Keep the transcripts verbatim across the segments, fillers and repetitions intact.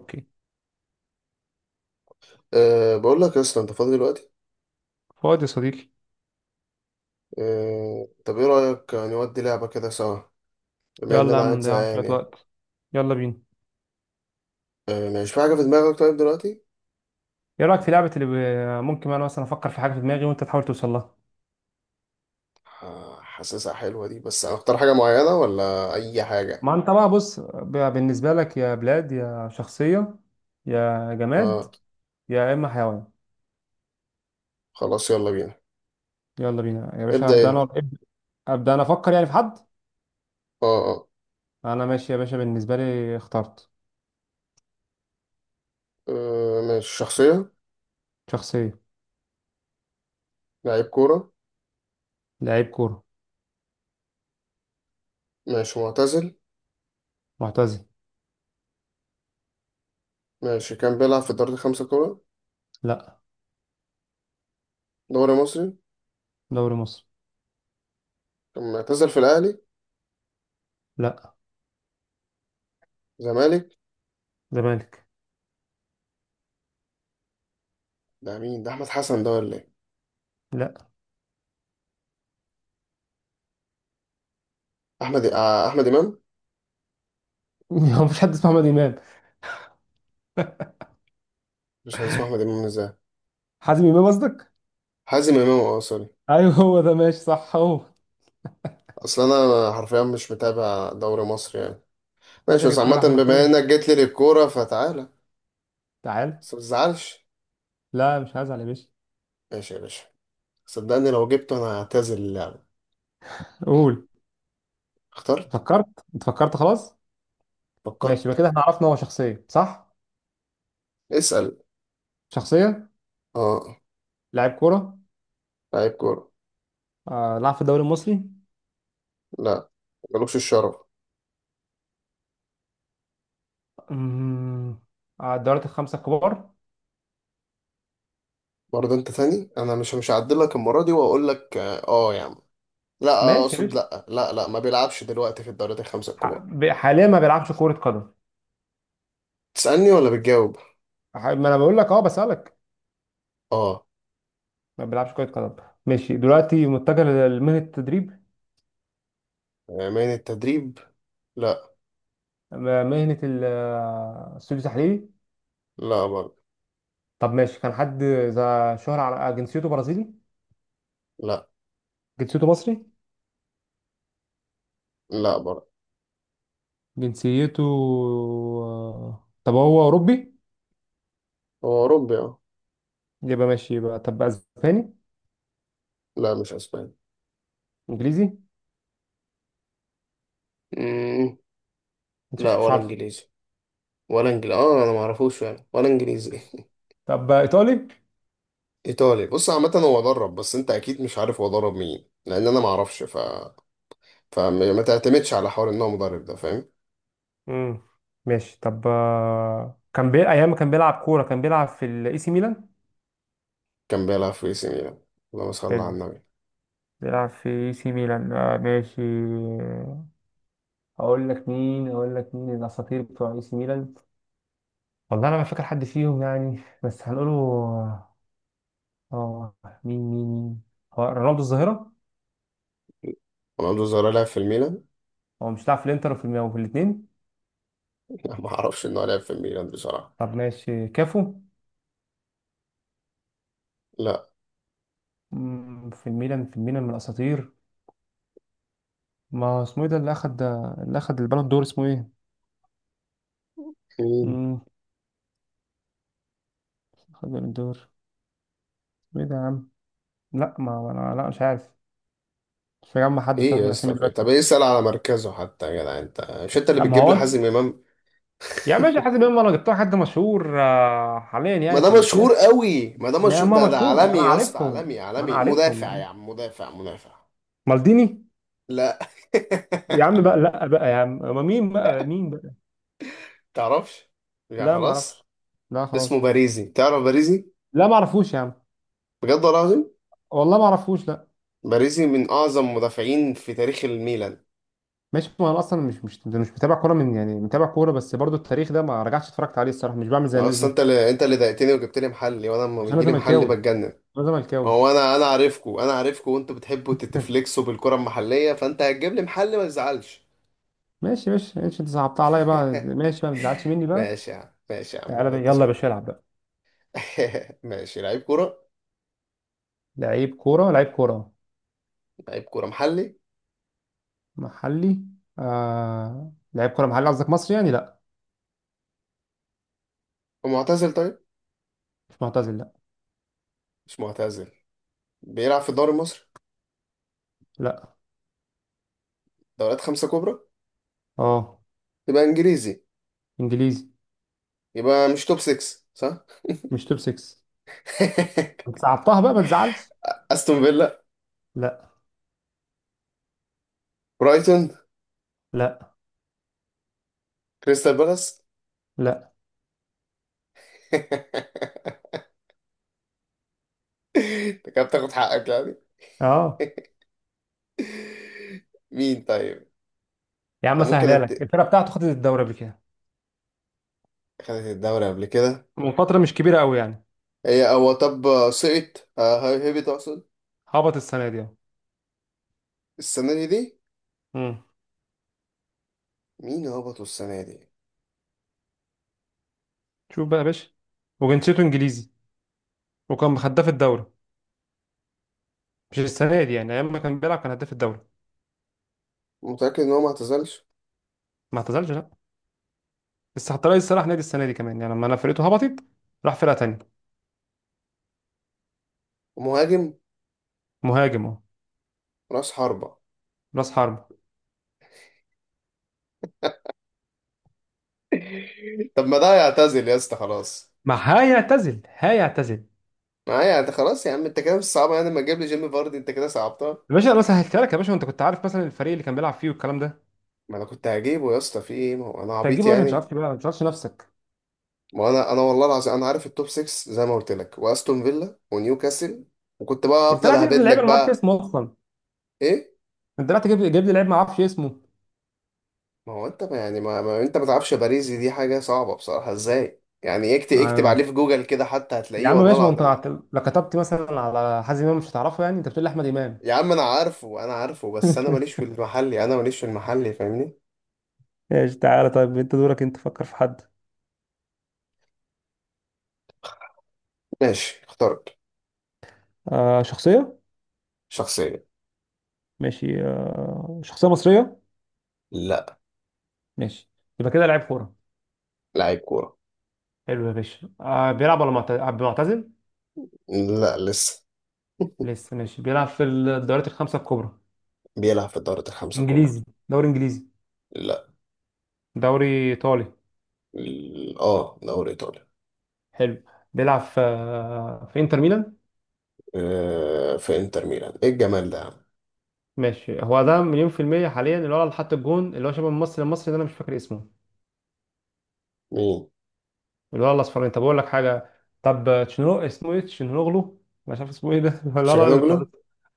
اوكي. أه بقول لك يا اسطى، انت فاضي دلوقتي؟ فؤاد يا صديقي، أه طب ايه رأيك نودي لعبة كده سوا؟ بما ان يلا يا انا عم قاعد نضيع زهقان شوية يعني. وقت، يلا بينا. أه مش في حاجة في دماغك طيب دلوقتي؟ ايه رأيك في لعبة اللي ب- ممكن انا مثلا افكر في حاجة في دماغي وانت تحاول توصل لها؟ ح- حاسسها حلوة دي، بس هنختار حاجة معينة ولا اي حاجة؟ ما انت بقى بص، ب- بالنسبة لك يا بلاد، يا شخصية، يا جماد، اه يا اما حيوان. خلاص يلا بينا. يلا بينا يا باشا، ابدأ ابدا انت. انا ابدا. أبدأ انا، افكر يعني في حد. اه اه. انا ماشي يا باشا، بالنسبة لي اخترت آه، ماشي شخصية. شخصية. لعيب كورة. لعيب كورة، ماشي معتزل. معتزل. ماشي كان بيلعب في الدوري الخمسة كورة. لا. دوري مصري. دوري مصر. كان معتزل في الاهلي. لا. زمالك. زمالك. ده مين ده، احمد حسن ده ولا ايه؟ لا. احمد، آه، احمد امام. هو مفيش حد اسمه محمد امام؟ مش عايز اسمه احمد امام ازاي؟ حازم امام قصدك. حازم امام، اه سوري. ايوه هو ده، ماشي صح هو. اصل انا حرفيا مش متابع دوري مصر يعني. ماشي، ماشي، انا بس جبت لك عامة احمد بما مسؤول، انك جيت لي للكورة فتعالى. تعال. بس ما تزعلش. لا مش هزعل يا باشا. ماشي يا باشا. صدقني لو جبته انا هعتزل اللعبة. قول. اخترت. فكرت؟ انت فكرت خلاص؟ ماشي، يبقى فكرت. كده احنا عرفنا. هو شخصيه صح؟ اسأل. شخصيه. اه. لاعب كوره. لعيب كورة. آه لعب في الدوري المصري؟ لا، ملوكش الشرف. أمم، آه الدوريات الخمسه الكبار؟ برضه انت تاني، انا مش مش هعدلك المرة دي واقول لك اه آه يا عم. لا آه، ماشي يا اقصد باشا. لا لا لا، ما بيلعبش دلوقتي في الدوريات الخمسة ح- الكبار. ب- حاليا ما بيلعبش كره قدم؟ تسألني ولا بتجاوب؟ ح- ما انا بقول لك، اه بسالك. اه ما بيلعبش كره قدم ماشي. دلوقتي متجه لمهنه التدريب؟ آه، من التدريب. لا. م- مهنه ال- آه، السوق التحليلي؟ لا برضه. طب ماشي، كان حد ذا شهرة. على، جنسيته برازيلي؟ لا، جنسيته مصري؟ لا برضه. جنسيته، آه، طب هو أوروبي؟ هو أوروبي أه. يبقى ماشي، يبقى طب أسباني؟ لا مش أسباني. إنجليزي؟ مم. مش لا عارف- مش ولا عارفه. إنجليزي. ولا إنجليزي، أه أنا معرفوش فعلا ولا إنجليزي. طب إيطالي؟ إيطالي، بص عامة هو ضرب، بس أنت أكيد مش عارف هو ضرب مين، لأن أنا معرفش ف... فما ما تعتمدش على حوار إن هو مدرب ده، فاهم. امم ماشي. طب آه، كان بي... أيام ما كان بيلعب كورة كان بيلعب في الإي سي ميلان؟ كان بيلعب في إي سي ميلان. اللهم صل على حلو، النبي. بيلعب في إي سي ميلان، آه ماشي. أقول لك مين، أقول لك مين الأساطير بتوع إي سي ميلان. والله أنا ما فاكر حد فيهم يعني، بس هنقوله. آه مين مين مين ؟ هو رونالدو الظاهرة. رونالدو الظاهرة لعب في الميلان؟ هو مش لاعب في الإنتر وفي الميلان وفي الاتنين؟ لا معرفش إن هو لعب في الميلان بصراحة. طب ماشي، كافو؟ لا. مم، في الميلان، في الميلان من الاساطير. ما اسمه ايه ده اللي اخد، اللي اخد البالون دور، اسمه ايه. مين؟ مم، اخد البالون دور، اسمه ايه ده يا عم. لا، ما ما انا، لا مش عارف. مش مجمع حد إيه صراحه من يا الاسامي اسطى، في- إيه؟ دلوقتي. طب إيه، اسأل على مركزه حتى يا جدع، أنت مش أنت اللي لا. ما بتجيب لي هو حازم إمام؟ يا ماشي حاسس بيهم، انا جبتها حد مشهور، آه، حاليا ما يعني ده في مشهور الساحه. قوي، ما ده ما مشهور، ما ده ده مشهور، ما عالمي انا يا اسطى، عالمي عارفهم، ما انا عالمي. عارفهم يا مدافع عم. يا عم، مدافع مدافع. مالديني. لا. يا عم بقى لا بقى يا عم، ما مين بقى مين بقى. تعرفش؟ يعني لا ما اعرفش. خلاص. لا اسمه خلاص. باريزي، تعرف باريزي؟ لا ما اعرفوش يا عم. بجد والله العظيم. والله ما اعرفوش، لا. باريزي من اعظم مدافعين في تاريخ الميلان. ماشي، ما انا اصلا مش مش مش متابع كوره، من يعني متابع كوره، بس برضو التاريخ ده ما رجعتش اتفرجت عليه الصراحه، مش بعمل زي الناس اصلا دي. انت اللي، انت اللي ضايقتني وجبت لي محلي، وانا لما عشان انا بيجي لي محلي زملكاوي، بتجنن. انا ما زملكاوي. هو انا، انا عارفكو، انا عارفكو، وانتوا بتحبوا تتفلكسوا بالكرة المحلية، فانت هتجيب لي محلي، ما تزعلش. ماشي ماشي ماشي، انت صعبتها عليا بقى. ماشي بقى، ما تزعلش مني بقى. ماشي يا عم، ماشي يا عم تعالى اللي بقى، انت يلا يا شايفه. باشا العب بقى. ماشي. لعيب كورة. لعيب كوره، لعيب كوره لعيب كورة محلي. محلي. آه... لعيب كوره محلي قصدك مصري يعني؟ لا. ومعتزل طيب. مش معتزل. لا، مش معتزل. بيلعب في الدوري المصري. لا، دوريات خمسة كبرى. اه. يبقى انجليزي. انجليزي. يبقى مش توب ستة صح؟ مش توب 6. انت صعبتها بقى، ما تزعلش. استون فيلا. لا، برايتون. لا، كريستال بالاس. لا، انت كده بتاخد حقك يعني. اه. مين طيب؟ يا عم انا ممكن سهلها لك، أد... الفرقه بتاعته خدت الدوري قبل كده. خدت الدوري قبل كده. من فتره مش كبيره قوي يعني. هي هو طب سقط، آه، هي- هبط اقصد. هبط السنه دي اهو. السنة دي دي. امم مين هبطوا السنة دي؟ شوف بقى يا باشا. وجنسيته انجليزي، وكان هداف الدوري. مش السنه دي يعني، ايام ما كان بيلعب كان هداف الدوري. متأكد ان هو ما اعتزلش؟ ما اعتزلش لا. بس حتى رئيس صلاح نادي السنه دي كمان يعني، لما انا فرقته هبطت راح فرقه تانيه. مهاجم. مهاجم اهو. راس حربة. راس حربه. طب ما ده يعتزل يا اسطى خلاص. ما هيعتزل، هيعتزل. ما هي يعني انت، خلاص يا عم، انت كده مش صعبة يعني، لما تجيب لي جيمي فاردي انت كده صعبتها. يا باشا، انا سهلتها لك يا باشا، وانت كنت عارف مثلا الفريق اللي كان بيلعب فيه والكلام ده. ما انا كنت هجيبه يا اسطى، في ايه، ما هو انا مش عبيط هتجيبه يا باشا، انت يعني؟ عارف بقى ما تعرفش نفسك. ما هو انا انا والله العظيم انا عارف التوب ستة زي ما قلت لك، واستون فيلا ونيوكاسل، وكنت بقى انت افضل لا تجيب اهبد لي لعيب لك انا ما اعرفش بقى. اسمه اصلا. ايه انت لا تجيب جايب لي لعيب ما اعرفش اسمه. ما هو انت ما يعني، ما, ما انت ما تعرفش باريزي؟ دي حاجة صعبة بصراحة ازاي يعني؟ اكتب اكتب عليه آه. في جوجل كده حتى يا هتلاقيه عم والله ماشي، ما انت العظيم من-. عت- لو كتبت مثلا على حازم امام مش هتعرفه يعني، انت بتقول لي احمد امام. يا عم انا عارفه، انا عارفه، بس انا ماليش في المحلي، انا ماليش في المحلي، فاهمني. ماشي، تعالى طيب انت دورك، انت فكر في حد. ماشي اخترت. آه شخصية. شخصية. ماشي، آه شخصية مصرية؟ لا. ماشي. يبقى كده لعيب كورة. لاعب كورة. حلو يا باشا. آه بيلعب ولا معت- آه، معتزل؟ لا لسه. لسه ماشي، بيلعب في الدوريات الخمسة الكبرى؟ بيلعب في الدوري الخمسة الكبرى. انجليزي، دوري انجليزي؟ لا. دوري ايطالي؟ ال- اه دوري ايطالي. حلو. بيلعب في آه، في انتر ميلان؟ آه في انتر ميلان، ايه الجمال ده يا عم. ماشي، هو ده مليون في المية، حاليا اللي هو، اللي حط الجون، اللي هو شبه الممثل المصري ده انا مش فاكر اسمه. مين؟ الولد الاصفراني. طب اقول لك حاجه. طب تشنو، اسمه ايه، تشنوغلو، مش عارف اسمه ايه ده. لا لا، اللي شاجانوجلو. بتاع،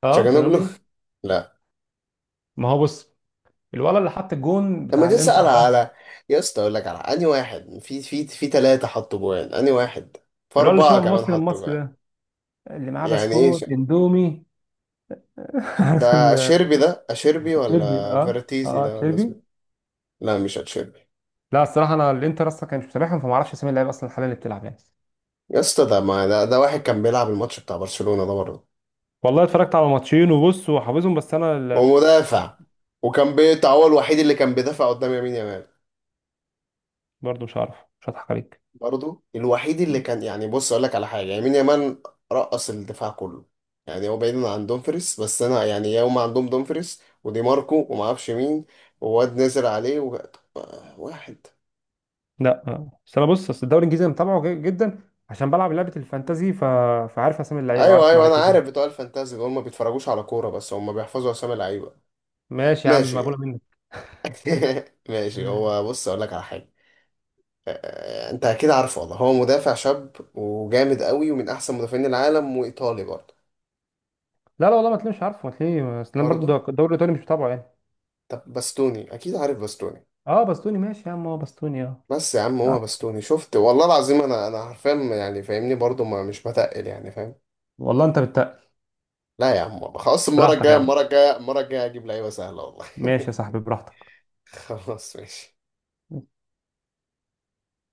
اه شاجانوجلو. تشنوغلو. لا. ما هو بص، الولد اللي حط الجون لما بتاع تسأل الانتر ده، على، يا اسطى اقول لك على انهي واحد، في في في ثلاثة حطوا جوان انهي واحد؟ في الولد اللي شبه أربعة كمان المصري حطوا المصري جوان. ده، اللي معاه يعني ايه ش... بسكوت اندومي. عارف ده ال- اشيربي، ده اشيربي التشيربي، ولا اه فيرتيزي اه ده ولا التشيربي. اسمه؟ لا مش اتشيربي. لا الصراحه انا الانتر اصلا كان مش متابعهم، فما اعرفش اسامي اللعيبه اصلا حاليا اللي بتلعب يعني. يا اسطى ده ما ده, ده واحد كان بيلعب الماتش بتاع برشلونة ده برضه. والله اتفرجت على ماتشين وبص وحافظهم، بس انا ال- ومدافع. وكان بي- هو الوحيد اللي كان بيدافع قدام يمين يامال. برضه مش عارف، مش هضحك عليك. برضو الوحيد اللي كان يعني، بص اقول لك على حاجه، يعني مين يمان؟ رقص الدفاع كله. يعني هو بعيد عن دومفريس، بس انا يعني يوم عندهم دومفريس ودي ماركو وما اعرفش مين، وواد نزل عليه و... واحد. لا. آه. بس انا بص، اصل الدوري الانجليزي انا متابعه ج- جدا، عشان بلعب لعبه الفانتازي، ف... فعارف اسامي اللعيبه ايوه وعارف ايوه انا مراكزهم. عارف، بتوع الفانتازي دول ما بيتفرجوش على كوره، بس هم بيحفظوا اسامي لعيبه. ماشي يا عم، ماشي. مقبوله منك. ماشي، هو بص اقول لك على حاجه. آه، آه، انت اكيد عارفه والله، هو مدافع شاب وجامد قوي، ومن احسن مدافعين العالم، وايطالي برضه. لا لا، والله ما تلاقيش عارفه، ما تلاقيش، اصل انا برضه. برضه الدوري الايطالي مش متابعه يعني. طب باستوني، اكيد عارف باستوني. اه بستوني ماشي يا عم، اه بستوني اه. بس يا عم لا، هو بستوني شفت، والله العظيم انا، انا حرفيا يعني فاهمني، برضو ما مش بتقل يعني، فاهم. والله انت بت... لا يا عم خلاص، المره براحتك الجايه، يا عم. المره الجايه، المره الجايه اجيب لعيبه سهله والله. ماشي يا صاحبي، براحتك. خلاص ماشي.